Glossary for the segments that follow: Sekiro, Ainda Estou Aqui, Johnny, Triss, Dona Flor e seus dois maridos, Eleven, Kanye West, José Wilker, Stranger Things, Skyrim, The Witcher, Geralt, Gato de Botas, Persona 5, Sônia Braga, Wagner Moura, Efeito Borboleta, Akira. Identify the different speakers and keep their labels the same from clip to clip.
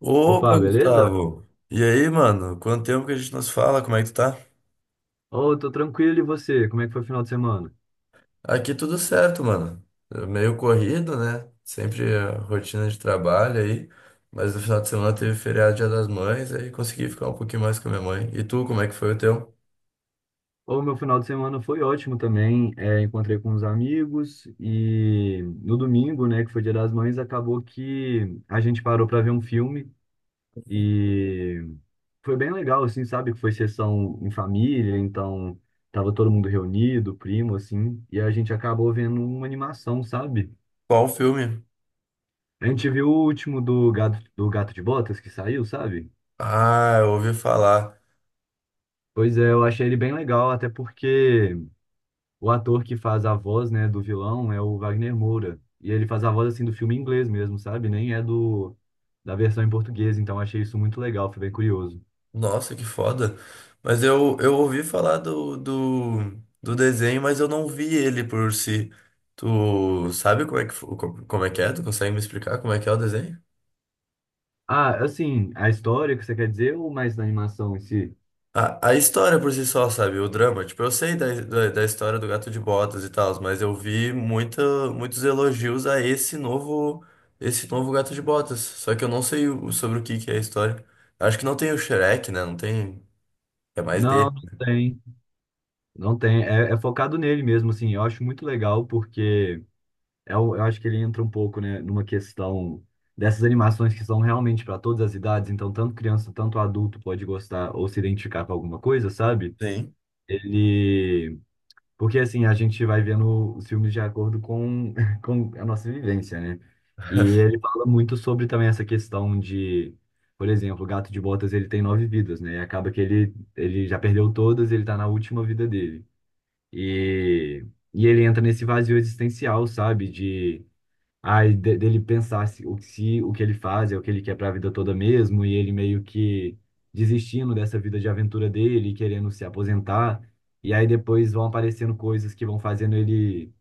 Speaker 1: Opa,
Speaker 2: Opa, beleza?
Speaker 1: Gustavo. E aí, mano? Quanto tempo que a gente nos fala? Como é que tu tá?
Speaker 2: Ô, tô tranquilo e você? Como é que foi o final de semana?
Speaker 1: Aqui tudo certo, mano. Meio corrido, né? Sempre a rotina de trabalho aí. Mas no final de semana teve feriado Dia das Mães, aí consegui ficar um pouquinho mais com a minha mãe. E tu, como é que foi o teu?
Speaker 2: Ô, meu final de semana foi ótimo também. É, encontrei com uns amigos e no domingo, né, que foi Dia das Mães, acabou que a gente parou para ver um filme e foi bem legal, assim, sabe? Que foi sessão em família, então tava todo mundo reunido, primo, assim, e a gente acabou vendo uma animação, sabe?
Speaker 1: Qual filme?
Speaker 2: A gente viu o último do Gato de Botas que saiu, sabe?
Speaker 1: Ah, eu ouvi falar.
Speaker 2: Pois é, eu achei ele bem legal, até porque. O ator que faz a voz, né, do vilão é o Wagner Moura. E ele faz a voz, assim, do filme em inglês mesmo, sabe? Nem é do da versão em português, então achei isso muito legal, foi bem curioso.
Speaker 1: Nossa, que foda. Mas eu ouvi falar do desenho, mas eu não vi ele por si. Tu sabe como é que é? Tu consegue me explicar como é que é o desenho?
Speaker 2: Ah, assim, a história que você quer dizer ou mais da animação em si?
Speaker 1: A história por si só, sabe? O drama. Tipo, eu sei da história do Gato de Botas e tal, mas eu vi muitos elogios a esse novo Gato de Botas. Só que eu não sei sobre o que que é a história. Acho que não tem o Shrek, né? Não tem. É mais
Speaker 2: Não,
Speaker 1: dele.
Speaker 2: não tem. Não tem. É, é focado nele mesmo, assim. Eu acho muito legal porque eu acho que ele entra um pouco, né, numa questão dessas animações que são realmente para todas as idades, então tanto criança, tanto adulto pode gostar ou se identificar com alguma coisa, sabe?
Speaker 1: Sim.
Speaker 2: Ele. Porque assim, a gente vai vendo os filmes de acordo com, com a nossa vivência, né? E ele fala muito sobre também essa questão de, por exemplo, o Gato de Botas, ele tem nove vidas, né? E acaba que ele já perdeu todas, ele tá na última vida dele. E, e ele entra nesse vazio existencial, sabe? Dele pensar se o que ele faz é o que ele quer para a vida toda mesmo, e ele meio que desistindo dessa vida de aventura dele, querendo se aposentar, e aí depois vão aparecendo coisas que vão fazendo ele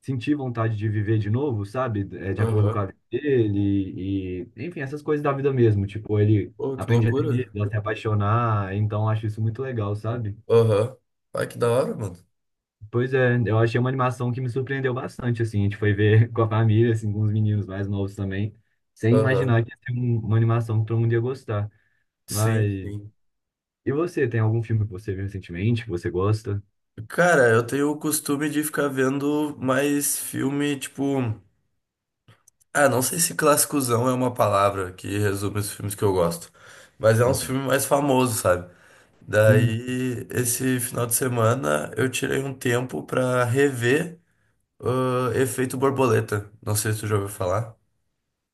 Speaker 2: sentir vontade de viver de novo, sabe? É, de acordo com a
Speaker 1: Aham.
Speaker 2: vida dele, e enfim, essas coisas da vida mesmo. Tipo, ele
Speaker 1: Pô, que
Speaker 2: aprende a ter
Speaker 1: loucura.
Speaker 2: medo, a se apaixonar, então eu acho isso muito legal, sabe?
Speaker 1: Aham. Ai, que da hora, mano.
Speaker 2: Pois é, eu achei uma animação que me surpreendeu bastante, assim, a gente foi ver com a família, assim, com os meninos mais novos também, sem
Speaker 1: Aham.
Speaker 2: imaginar que ia ser uma animação que todo mundo ia gostar.
Speaker 1: Sim,
Speaker 2: Mas,
Speaker 1: sim.
Speaker 2: e você, tem algum filme que você viu recentemente, que você gosta?
Speaker 1: Cara, eu tenho o costume de ficar vendo mais filme, tipo. Ah, não sei se clássicozão é uma palavra que resume os filmes que eu gosto, mas é uns
Speaker 2: Uhum.
Speaker 1: filmes mais famosos, sabe?
Speaker 2: Sim.
Speaker 1: Daí, esse final de semana, eu tirei um tempo pra rever Efeito Borboleta. Não sei se tu já ouviu falar.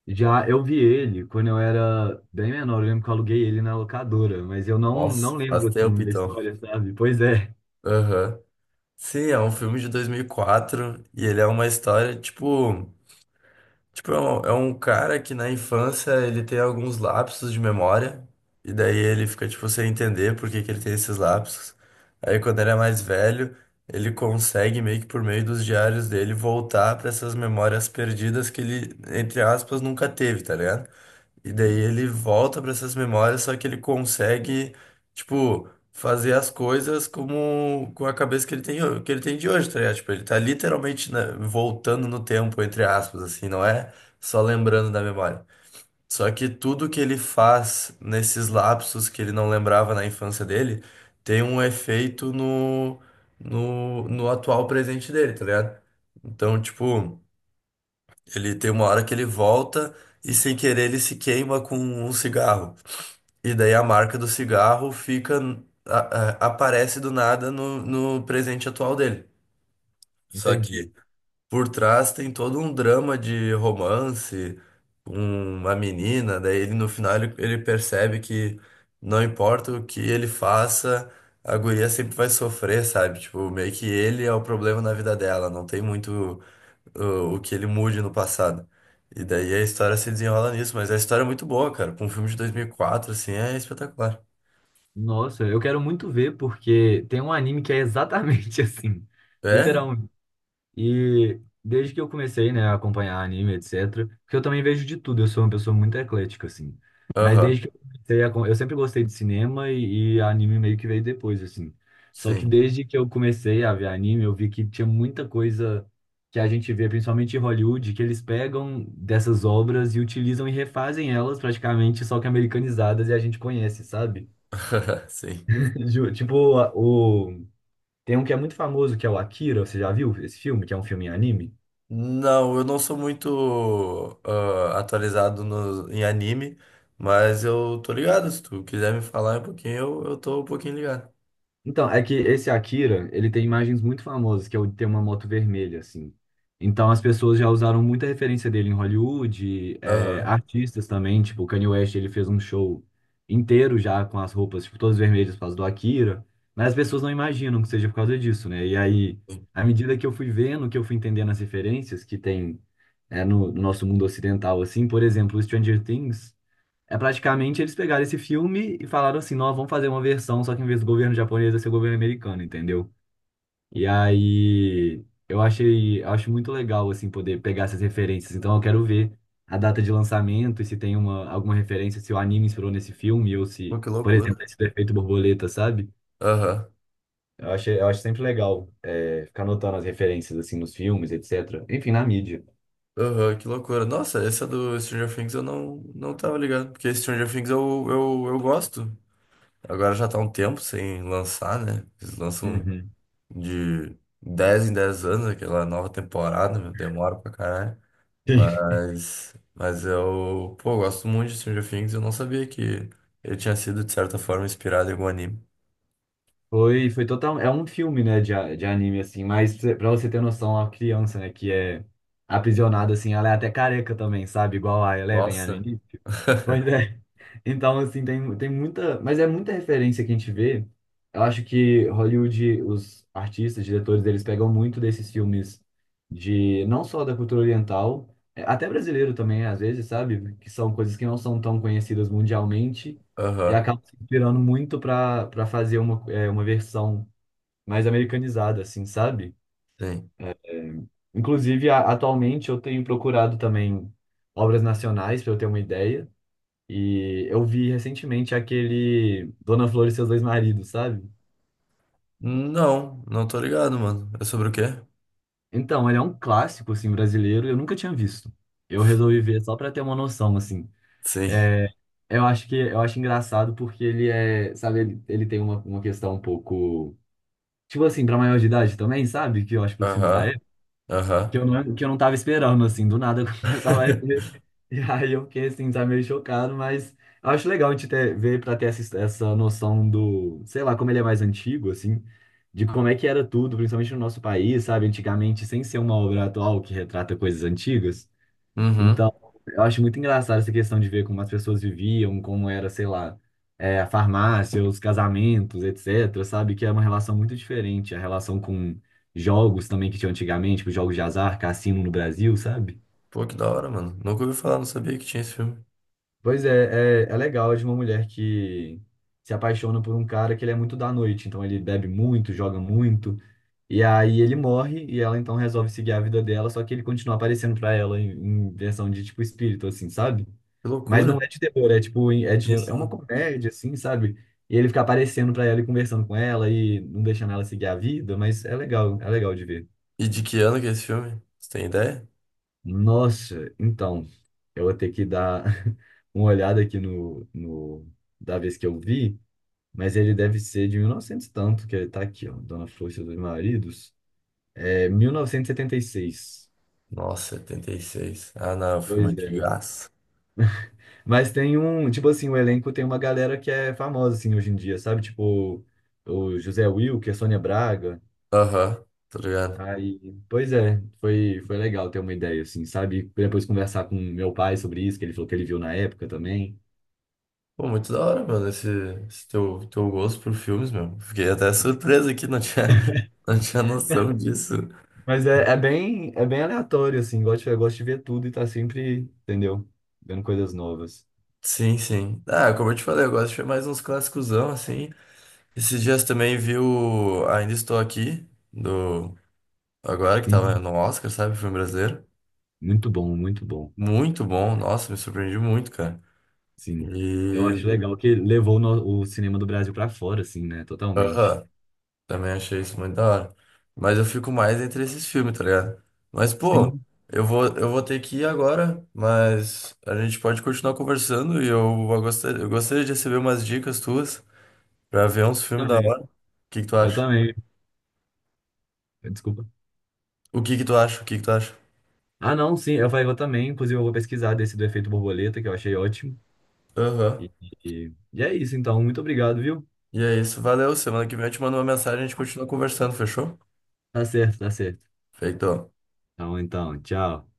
Speaker 2: Já eu vi ele quando eu era bem menor, eu lembro que eu aluguei ele na locadora, mas eu não,
Speaker 1: Nossa,
Speaker 2: não
Speaker 1: faz
Speaker 2: lembro,
Speaker 1: tempo
Speaker 2: assim, da
Speaker 1: então.
Speaker 2: história, sabe? Pois é,
Speaker 1: Aham. Sim, é um filme de 2004 e ele é uma história, tipo. Tipo, é um cara que na infância ele tem alguns lapsos de memória, e daí ele fica, tipo, sem entender por que que ele tem esses lapsos. Aí quando ele é mais velho, ele consegue, meio que por meio dos diários dele, voltar para essas memórias perdidas que ele, entre aspas, nunca teve, tá ligado? E daí
Speaker 2: sim,
Speaker 1: ele volta para essas memórias, só que ele consegue, tipo, fazer as coisas como com a cabeça que ele tem, que ele tem de hoje, tá ligado? Tipo, ele tá literalmente, né, voltando no tempo, entre aspas, assim, não é só lembrando da memória. Só que tudo que ele faz nesses lapsos que ele não lembrava na infância dele tem um efeito no atual presente dele, tá ligado? Então, tipo. Ele tem uma hora que ele volta e sem querer ele se queima com um cigarro. E daí a marca do cigarro fica a- aparece do nada no presente atual dele. Só que
Speaker 2: entendi.
Speaker 1: por trás tem todo um drama de romance com uma menina, daí ele no final ele, ele percebe que não importa o que ele faça, a guria sempre vai sofrer, sabe? Tipo, meio que ele é o problema na vida dela, não tem muito o que ele mude no passado. E daí a história se desenrola nisso, mas a história é muito boa, cara. Com um filme de 2004, assim, é espetacular.
Speaker 2: Nossa, eu quero muito ver, porque tem um anime que é exatamente assim.
Speaker 1: É?
Speaker 2: E desde que eu comecei, né, a acompanhar anime, etc, porque eu também vejo de tudo, eu sou uma pessoa muito eclética, assim. Mas
Speaker 1: Aham,
Speaker 2: desde que eu comecei Eu sempre gostei de cinema e anime meio que veio depois, assim. Só que
Speaker 1: sim.
Speaker 2: desde que eu comecei a ver anime, eu vi que tinha muita coisa que a gente vê, principalmente em Hollywood, que eles pegam dessas obras e utilizam e refazem elas praticamente, só que americanizadas e a gente conhece, sabe?
Speaker 1: Sim.
Speaker 2: Tipo, Tem um que é muito famoso, que é o Akira, você já viu esse filme? Que é um filme em anime?
Speaker 1: Não, eu não sou muito atualizado no, em anime, mas eu tô ligado. Se tu quiser me falar um pouquinho, eu tô um pouquinho ligado.
Speaker 2: Então, é que esse Akira, ele tem imagens muito famosas, que é o de ter uma moto vermelha, assim. Então, as pessoas já usaram muita referência dele em Hollywood, é,
Speaker 1: Aham.
Speaker 2: artistas também, tipo, o Kanye West, ele fez um show inteiro já com as roupas, tipo, todas vermelhas por causa do Akira, mas as pessoas não imaginam que seja por causa disso, né? E aí,
Speaker 1: Sim.
Speaker 2: à medida que eu fui vendo, que eu fui entendendo as referências que tem, é, no nosso mundo ocidental, assim, por exemplo, o Stranger Things, é praticamente eles pegaram esse filme e falaram assim, nós vamos fazer uma versão, só que em vez do governo japonês vai ser o governo americano, entendeu? E aí eu achei, eu acho muito legal assim poder pegar essas referências. Então eu quero ver a data de lançamento e se tem uma alguma referência, se o anime inspirou nesse filme ou
Speaker 1: Pô,
Speaker 2: se,
Speaker 1: que
Speaker 2: por exemplo,
Speaker 1: loucura.
Speaker 2: esse do efeito borboleta, sabe?
Speaker 1: Aham.
Speaker 2: Eu achei, eu acho sempre legal é, ficar notando as referências assim nos filmes, etc. Enfim, na mídia.
Speaker 1: Aham, que loucura. Nossa, essa do Stranger Things eu não, não tava ligado. Porque Stranger Things eu gosto. Agora já tá um tempo sem lançar, né? Eles lançam
Speaker 2: Uhum.
Speaker 1: de 10 em 10 anos aquela nova temporada, meu, demora pra caralho. Pô, eu gosto muito de Stranger Things, eu não sabia que ele tinha sido, de certa forma, inspirado em algum anime.
Speaker 2: Foi, foi total. É um filme, né, de anime, assim, mas pra você ter noção, a criança, né, que é aprisionada, assim, ela é até careca também, sabe? Igual a Eleven, era no
Speaker 1: Nossa.
Speaker 2: início. Pois é. Então, assim, tem muita. Mas é muita referência que a gente vê. Eu acho que Hollywood, os artistas, diretores, eles pegam muito desses filmes de. Não só da cultura oriental, é, até brasileiro também, às vezes, sabe? Que são coisas que não são tão conhecidas mundialmente e
Speaker 1: Aham,
Speaker 2: acabam se inspirando muito para fazer uma versão mais americanizada, assim, sabe?
Speaker 1: sim.
Speaker 2: Inclusive, atualmente, eu tenho procurado também obras nacionais, para eu ter uma ideia. E eu vi recentemente aquele Dona Flor e Seus Dois Maridos, sabe?
Speaker 1: Não, não tô ligado, mano. É sobre o quê?
Speaker 2: Então, ele é um clássico assim brasileiro, e eu nunca tinha visto. Eu resolvi ver só pra ter uma noção assim.
Speaker 1: Sim.
Speaker 2: Eu acho que eu acho engraçado porque ele é, sabe, ele tem uma questão um pouco tipo assim, pra maior de idade também, sabe? Que eu acho que os filmes da
Speaker 1: Aham,
Speaker 2: época que
Speaker 1: aham.
Speaker 2: eu não que eu não tava esperando assim, do nada começava a. E aí eu fiquei assim, tá meio chocado, mas eu acho legal a gente ver para ter essa noção do, sei lá, como ele é mais antigo, assim, de como é que era tudo, principalmente no nosso país, sabe, antigamente, sem ser uma obra atual que retrata coisas antigas.
Speaker 1: Uhum.
Speaker 2: Então, eu acho muito engraçado essa questão de ver como as pessoas viviam, como era, sei lá, é, a farmácia, os casamentos, etc., sabe, que é uma relação muito diferente, a relação com jogos também que tinha antigamente, tipo jogos de azar, cassino no Brasil, sabe?
Speaker 1: Pô, que da hora, mano. Nunca ouvi falar, não sabia que tinha esse filme.
Speaker 2: Pois é, é legal é de uma mulher que se apaixona por um cara que ele é muito da noite, então ele bebe muito, joga muito, e aí ele morre e ela então resolve seguir a vida dela, só que ele continua aparecendo pra ela em versão de tipo espírito, assim, sabe?
Speaker 1: Que
Speaker 2: Mas não
Speaker 1: loucura.
Speaker 2: é de terror, é tipo,
Speaker 1: Sim,
Speaker 2: é uma
Speaker 1: sim.
Speaker 2: comédia, assim, sabe? E ele fica aparecendo pra ela e conversando com ela e não deixando ela seguir a vida, mas é legal de ver.
Speaker 1: E de que ano que é esse filme? Você tem ideia?
Speaker 2: Nossa, então, eu vou ter que dar uma olhada aqui no da vez que eu vi, mas ele deve ser de 1900 e novecentos e tanto, que ele tá aqui, ó, Dona Flor e Seus Dois Maridos. É 1976.
Speaker 1: Nossa, 76. Ah, não, é um filme
Speaker 2: Pois é.
Speaker 1: antigaço.
Speaker 2: Mas tem um, tipo assim, o elenco tem uma galera que é famosa assim hoje em dia, sabe? Tipo o José Wilker, Sônia Braga.
Speaker 1: Aham, tá ligado?
Speaker 2: Aí, pois é, foi legal ter uma ideia assim, sabe? Depois conversar com meu pai sobre isso, que ele falou que ele viu na época também.
Speaker 1: Pô, muito da hora, mano, esse teu, teu gosto por filmes, meu. Fiquei até surpreso aqui, não tinha, não tinha noção disso.
Speaker 2: Mas é bem aleatório, assim. Eu gosto de ver tudo e tá sempre, entendeu? Vendo coisas novas.
Speaker 1: Sim, sim. Ah, como eu te falei, eu gosto de ver mais uns clássicosão, assim. Esses dias também vi o Ainda Estou Aqui, do... Agora que tava
Speaker 2: Sim.
Speaker 1: no Oscar, sabe? Filme brasileiro.
Speaker 2: Muito bom, muito bom.
Speaker 1: Muito bom. Nossa, me surpreendi muito, cara.
Speaker 2: Sim. Eu acho
Speaker 1: E...
Speaker 2: legal que levou o cinema do Brasil pra fora, assim, né? Totalmente.
Speaker 1: Aham. Também achei isso muito da hora. Mas eu fico mais entre esses filmes, tá ligado? Mas, pô,
Speaker 2: Sim,
Speaker 1: eu vou ter que ir agora, mas a gente pode continuar conversando e eu gostaria de receber umas dicas tuas pra ver uns filmes da
Speaker 2: também.
Speaker 1: hora. O que que tu
Speaker 2: Eu
Speaker 1: acha?
Speaker 2: também. Desculpa.
Speaker 1: O que que tu acha? O que que tu acha?
Speaker 2: Ah, não, sim. Eu falei, eu também. Inclusive, eu vou pesquisar desse do efeito borboleta, que eu achei ótimo.
Speaker 1: Aham.
Speaker 2: E, e é isso, então. Muito obrigado, viu?
Speaker 1: E é isso. Valeu. Semana que vem eu te mando uma mensagem e a gente continua conversando, fechou?
Speaker 2: Tá certo, tá certo.
Speaker 1: Feito.
Speaker 2: Então, tchau.